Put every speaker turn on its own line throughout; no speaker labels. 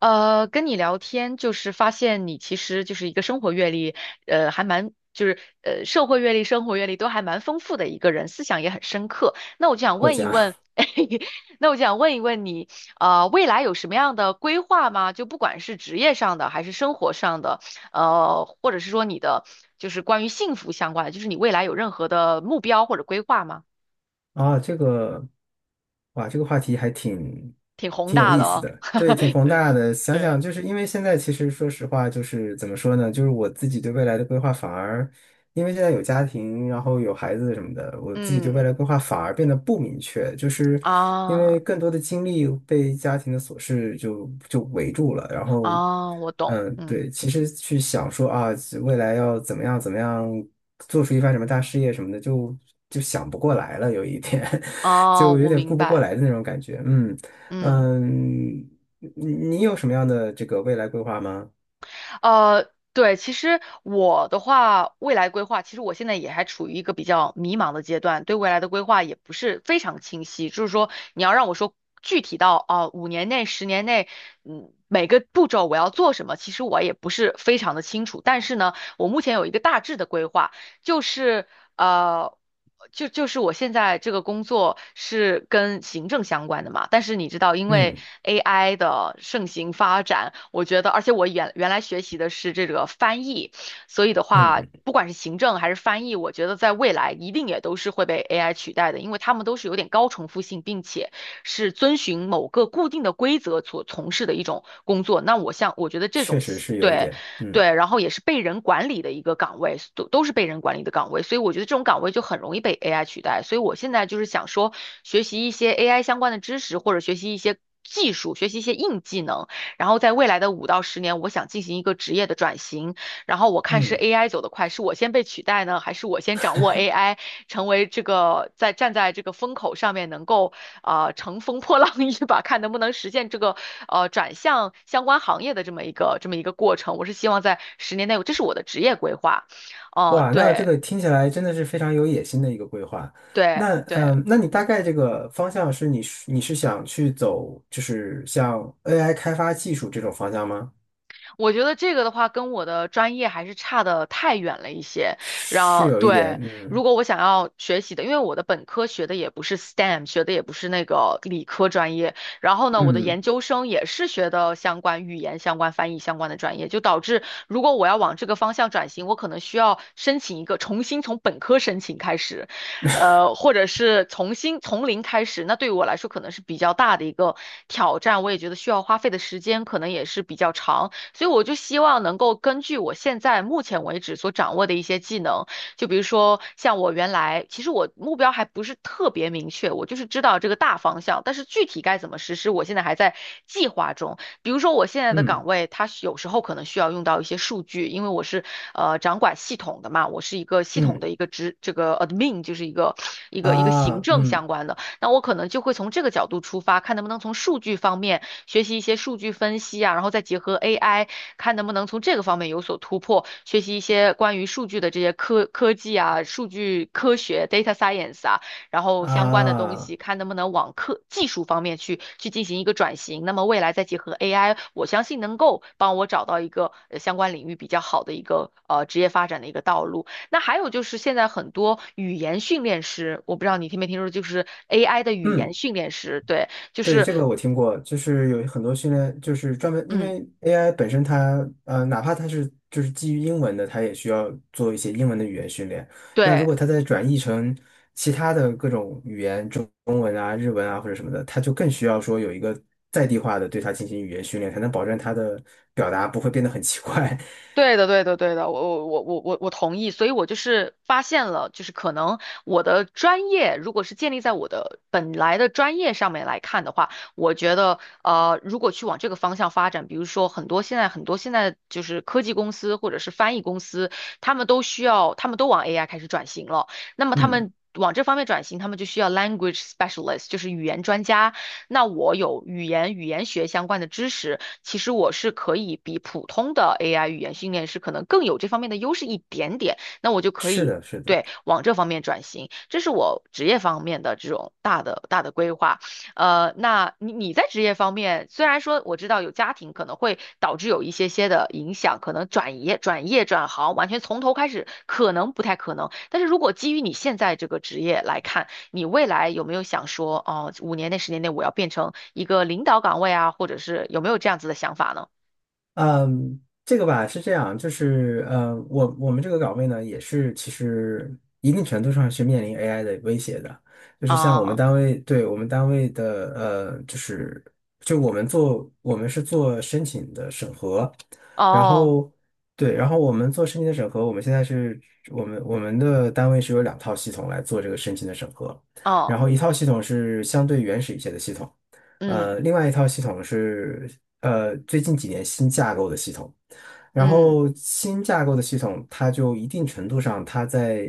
跟你聊天就是发现你其实就是一个生活阅历，还蛮社会阅历、生活阅历都还蛮丰富的一个人，思想也很深刻。那我就想
过
问一
家
问，那我就想问一问你，未来有什么样的规划吗？就不管是职业上的还是生活上的，或者是说你的关于幸福相关的，就是你未来有任何的目标或者规划吗？
啊，这个哇，这个话题还挺
挺宏
挺有
大
意
的
思
哦，
的，对，挺 宏
对
大的。想
对，
想，就是因为现在其实说实话，就是怎么说呢，就是我自己对未来的规划反而。因为现在有家庭，然后有孩子什么的，我自己对未
嗯
来规划反而变得不明确，因
啊。
为更多的精力被家庭的琐事就围住了。然后，
哦，我懂，嗯，
对，其实去想说啊，未来要怎么样怎么样，做出一番什么大事业什么的，就想不过来了，有一点，
哦，
就有
我
点
明
顾不
白，
过来的那种感觉。嗯
嗯，
嗯。你你有什么样的这个未来规划吗？
对，其实我的话，未来规划，其实我现在也还处于一个比较迷茫的阶段，对未来的规划也不是非常清晰。就是说，你要让我说具体到啊，五年内、十年内，每个步骤我要做什么，其实我也不是非常的清楚。但是呢，我目前有一个大致的规划，就是。呃，就是我现在这个工作是跟行政相关的嘛，但是你知道，因为
嗯
AI 的盛行发展，我觉得，而且我原来学习的是这个翻译，所以的话，
嗯，
不管是行政还是翻译，我觉得在未来一定也都是会被 AI 取代的，因为他们都是有点高重复性，并且是遵循某个固定的规则所从事的一种工作。那我像，我觉得这
确
种。
实是有一
对，
点，嗯
对，然后也是被人管理的一个岗位，都是被人管理的岗位，所以我觉得这种岗位就很容易被 AI 取代。所以我现在就是想说，学习一些 AI 相关的知识，或者学习一些技术，学习一些硬技能，然后在未来的5到10年，我想进行一个职业的转型。然后我看是
嗯。
AI 走得快，是我先被取代呢，还是我先掌握 AI，成为这个站在这个风口上面能够啊，乘风破浪一把，看能不能实现这个转向相关行业的这么一个过程。我是希望在十年内，这是我的职业规划。哦、
哇，那这
对
个听起来真的是非常有野心的一个规划。
对
那
对，
嗯，那你大
嗯。
概这个方向是你是想去走，就是像 AI 开发技术这种方向吗？
我觉得这个的话，跟我的专业还是差的太远了一些。然
是
后，
有一点，
对，如
嗯
果我想要学习的，因为我的本科学的也不是 STEM，学的也不是那个理科专业。然后呢，我的
嗯
研究生也是学的相关语言、相关翻译、相关的专业，就导致如果我要往这个方向转型，我可能需要申请一个重新从本科申请开始，或者是重新从零开始。那对于我来说，可能是比较大的一个挑战，我也觉得需要花费的时间可能也是比较长。所以我就希望能够根据我现在目前为止所掌握的一些技能，就比如说像我原来，其实我目标还不是特别明确，我就是知道这个大方向，但是具体该怎么实施，我现在还在计划中。比如说我现在的岗
嗯
位，它有时候可能需要用到一些数据，因为我是掌管系统的嘛，我是一个系统
嗯
的一个职，这个 admin 就是一个行
啊
政
嗯
相关的。那我可能就会从这个角度出发，看能不能从数据方面学习一些数据分析啊，然后再结合 AI，看能不能从这个方面有所突破，学习一些关于数据的这些科技啊、数据科学 data science 啊，然后相关的东
啊
西，看能不能往科技术方面去进行一个转型。那么未来再结合 AI，我相信能够帮我找到一个相关领域比较好的一个职业发展的一个道路。那还有就是现在很多语言训练师，我不知道你听没听说，就是 AI 的语言
嗯。
训练师，对，就
对，
是
这个我听过，就是有很多训练，就是专门因
嗯，
为 AI 本身它，哪怕它是就是基于英文的，它也需要做一些英文的语言训练。那如
对，
果它再转译成其他的各种语言，中文啊、日文啊或者什么的，它就更需要说有一个在地化的对它进行语言训练，才能保证它的表达不会变得很奇怪。
对的，对的，对的，我同意，所以我就是发现了，就是可能我的专业如果是建立在我的本来的专业上面来看的话，我觉得如果去往这个方向发展，比如说很多现在就是科技公司或者是翻译公司，他们都需要，他们都往 AI 开始转型了，那么 他
嗯，
们。往这方面转型，他们就需要 language specialist，就是语言专家那我有语言学相关的知识，其实我是可以比普通的 AI 语言训练师可能更有这方面的优势一点点，那我就可
是
以。
的，是的。
对，往这方面转型，这是我职业方面的这种大的规划。那你在职业方面，虽然说我知道有家庭可能会导致有一些些的影响，可能转行，完全从头开始可能不太可能。但是如果基于你现在这个职业来看，你未来有没有想说，哦，五年内、十年内我要变成一个领导岗位啊，或者是有没有这样子的想法呢？
嗯，这个吧是这样，我们这个岗位呢，也是其实一定程度上是面临 AI 的威胁的，就是像我们
啊，
单位，对我们单位的,就是就我们做我们是做申请的审核，然
哦，
后对，然后我们做申请的审核，我们现在是我们的单位是有两套系统来做这个申请的审核，
哦，
然后一套系统是相对原始一些的系统。
嗯，
另外一套系统是最近几年新架构的系统，然
嗯，
后新架构的系统，它就一定程度上，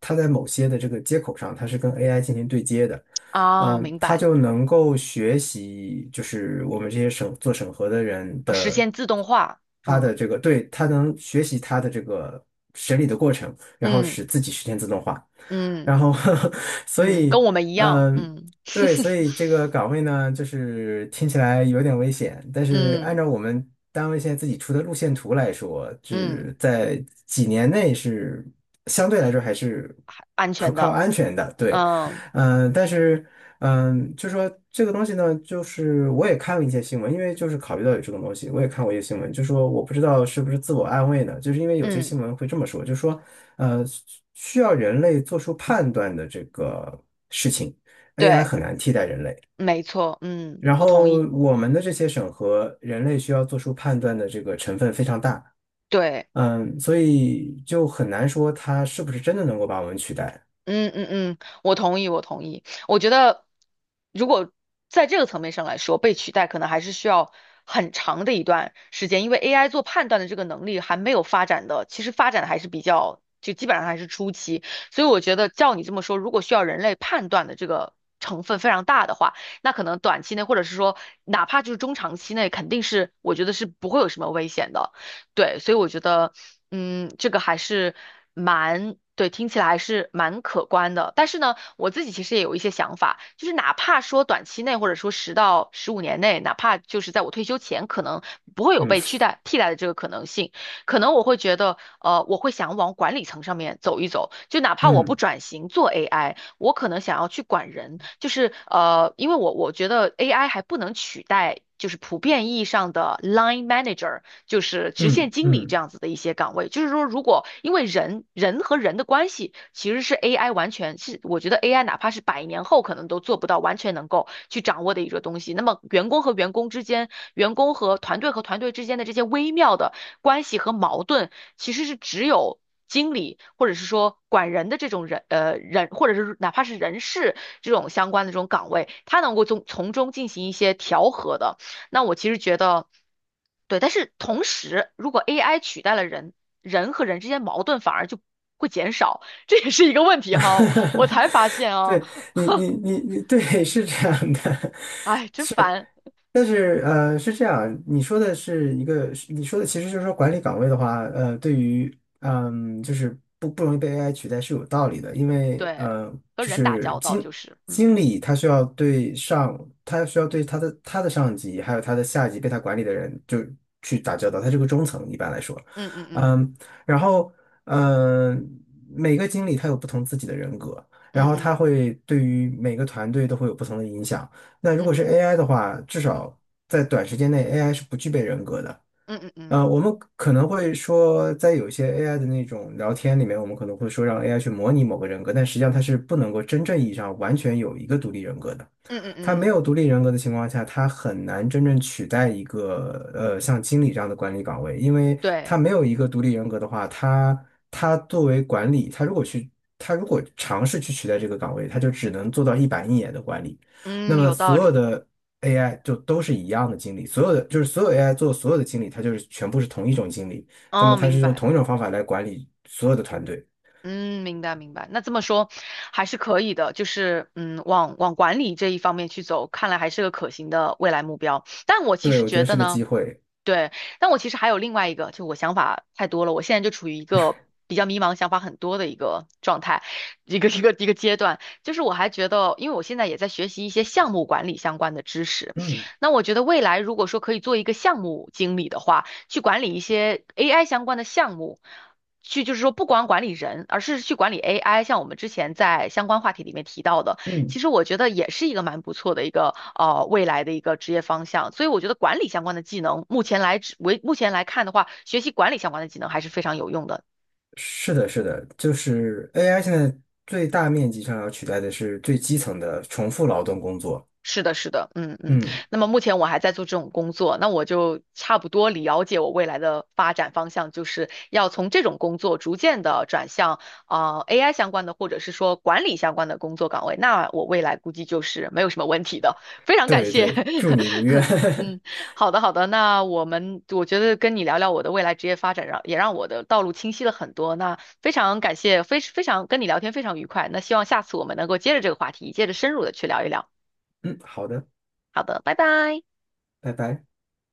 它在某些的这个接口上，它是跟 AI 进行对接的，
啊，
嗯，
明
它
白，
就能够学习，就是我们这些做审核的人
实
的。
现自动化，
他
嗯，
的这个，对，他能学习他的这个审理的过程，然后
嗯，
使自己实现自动化，
嗯，
然后 所
嗯，跟
以，
我们一样，
嗯，
嗯，
对，所 以这个岗位呢，就是听起来有点危险，但是
嗯，
按照我们单位现在自己出的路线图来说，
嗯，
只在几年内是相对来说还是
安
可
全
靠
的，
安全的，对，
嗯，
嗯，但是。嗯，就说这个东西呢，就是我也看了一些新闻，因为就是考虑到有这种东西，我也看过一些新闻，就说我不知道是不是自我安慰呢，就是因为有些
嗯，
新闻会这么说，就说需要人类做出判断的这个 AI
对，
很难替代人类，
没错，嗯，
然
我同
后
意，
我们的这些审核，人类需要做出判断的这个成分非常大，
对。
嗯，所以就很难说它是不是真的能够把我们取代，
嗯嗯嗯，我同意，我同意。我觉得，如果在这个层面上来说，被取代可能还是需要很长的一段时间，因为 AI 做判断的这个能力还没有发展的，其实发展的还是比较，就基本上还是初期。所以我觉得，照你这么说，如果需要人类判断的这个成分非常大的话，那可能短期内，或者是说哪怕就是中长期内，肯定是我觉得是不会有什么危险的。对，所以我觉得，嗯，这个还是蛮，对，听起来还是蛮可观的。但是呢，我自己其实也有一些想法，就是哪怕说短期内，或者说10到15年内，哪怕就是在我退休前，可能不会有被
嗯
取代替代的这个可能性，可能我会觉得，我会想往管理层上面走一走，就哪怕我不
嗯
转型做 AI，我可能想要去管人，就是因为我觉得 AI 还不能取代。就是普遍意义上的 line manager，就是直线
嗯
经理
嗯。
这样子的一些岗位。就是说，如果因为人和人的关系，其实是 AI 完全是，我觉得 AI 哪怕是100年后可能都做不到完全能够去掌握的一个东西。那么，员工和员工之间，员工和团队之间的这些微妙的关系和矛盾，其实是只有经理或者是说管人的这种人，或者是哪怕是人事这种相关的这种岗位，他能够从中进行一些调和的。那我其实觉得，对，但是同时，如果 AI 取代了人，人和人之间矛盾反而就会减少，这也是一个问题哈。我才发现 啊，
对你，你，你，你，对，是这样的，
哎，真烦。
但是，是这样，你说的其实就是说管理岗位的话，呃，对于，嗯，就是不容易被 AI 取代是有道理的，因为，
对，和
就
人打
是
交道
经
就是，嗯
经理他需要对上，他需要对他的上级，还有他的下级被他管理的人就去打交道，他是个中层一般来说，
嗯嗯
嗯，然后，嗯、每个经理他有不同自己的人格，然
嗯
后他
嗯
会对于每个团队都会有不同的影响。那如
嗯
果是
嗯
AI 的话，至少在短时间内，AI 是不具备人格的。
嗯嗯嗯
我们可能会说，在有一些 AI 的那种聊天里面，我们可能会说让 AI 去模拟某个人格，但实际上它是不能够真正意义上完全有一个独立人格的。
嗯嗯
它没
嗯，
有独立人格的情况下，它很难真正取代一个像经理这样的管理岗位，因为
对。
它没有一个独立人格的话，它作为管理，它如果尝试去取代这个岗位，它就只能做到一板一眼的管理。那
嗯，
么
有道
所
理。
有的 AI 就都是一样的经理，所有 AI 做所有的经理，它就是全部是同一种经理，那么
哦，
它
明
是用
白。
同一种方法来管理所有的团队。
嗯，明白明白。那这么说还是可以的，就是往管理这一方面去走，看来还是个可行的未来目标。但我其
对，
实
我觉
觉
得
得
是个机
呢。
会。
对，但我其实还有另外一个，就我想法太多了，我现在就处于一个比较迷茫、想法很多的一个状态，一个阶段。就是我还觉得，因为我现在也在学习一些项目管理相关的知识，
嗯
那我觉得未来如果说可以做一个项目经理的话，去管理一些 AI 相关的项目。去就是说，不光管理人，而是去管理 AI。像我们之前在相关话题里面提到的，其
嗯，
实我觉得也是一个蛮不错的一个未来的一个职业方向。所以我觉得管理相关的技能，目前来看的话，学习管理相关的技能还是非常有用的。
是的，是的，就是 AI 现在最大面积上要取代的是最基层的重复劳动工作。
是的，是的，嗯嗯。
嗯，
那么目前我还在做这种工作，那我就差不多了解我未来的发展方向，就是要从这种工作逐渐的转向AI 相关的，或者是说管理相关的工作岗位。那我未来估计就是没有什么问题的。非常感
对
谢，
对，祝你如愿。
嗯，好的好的。那我觉得跟你聊聊我的未来职业发展，让也让我的道路清晰了很多。那非常感谢，非常跟你聊天非常愉快。那希望下次我们能够接着这个话题，接着深入的去聊一聊。
嗯，好的，
好的，拜拜。
拜拜。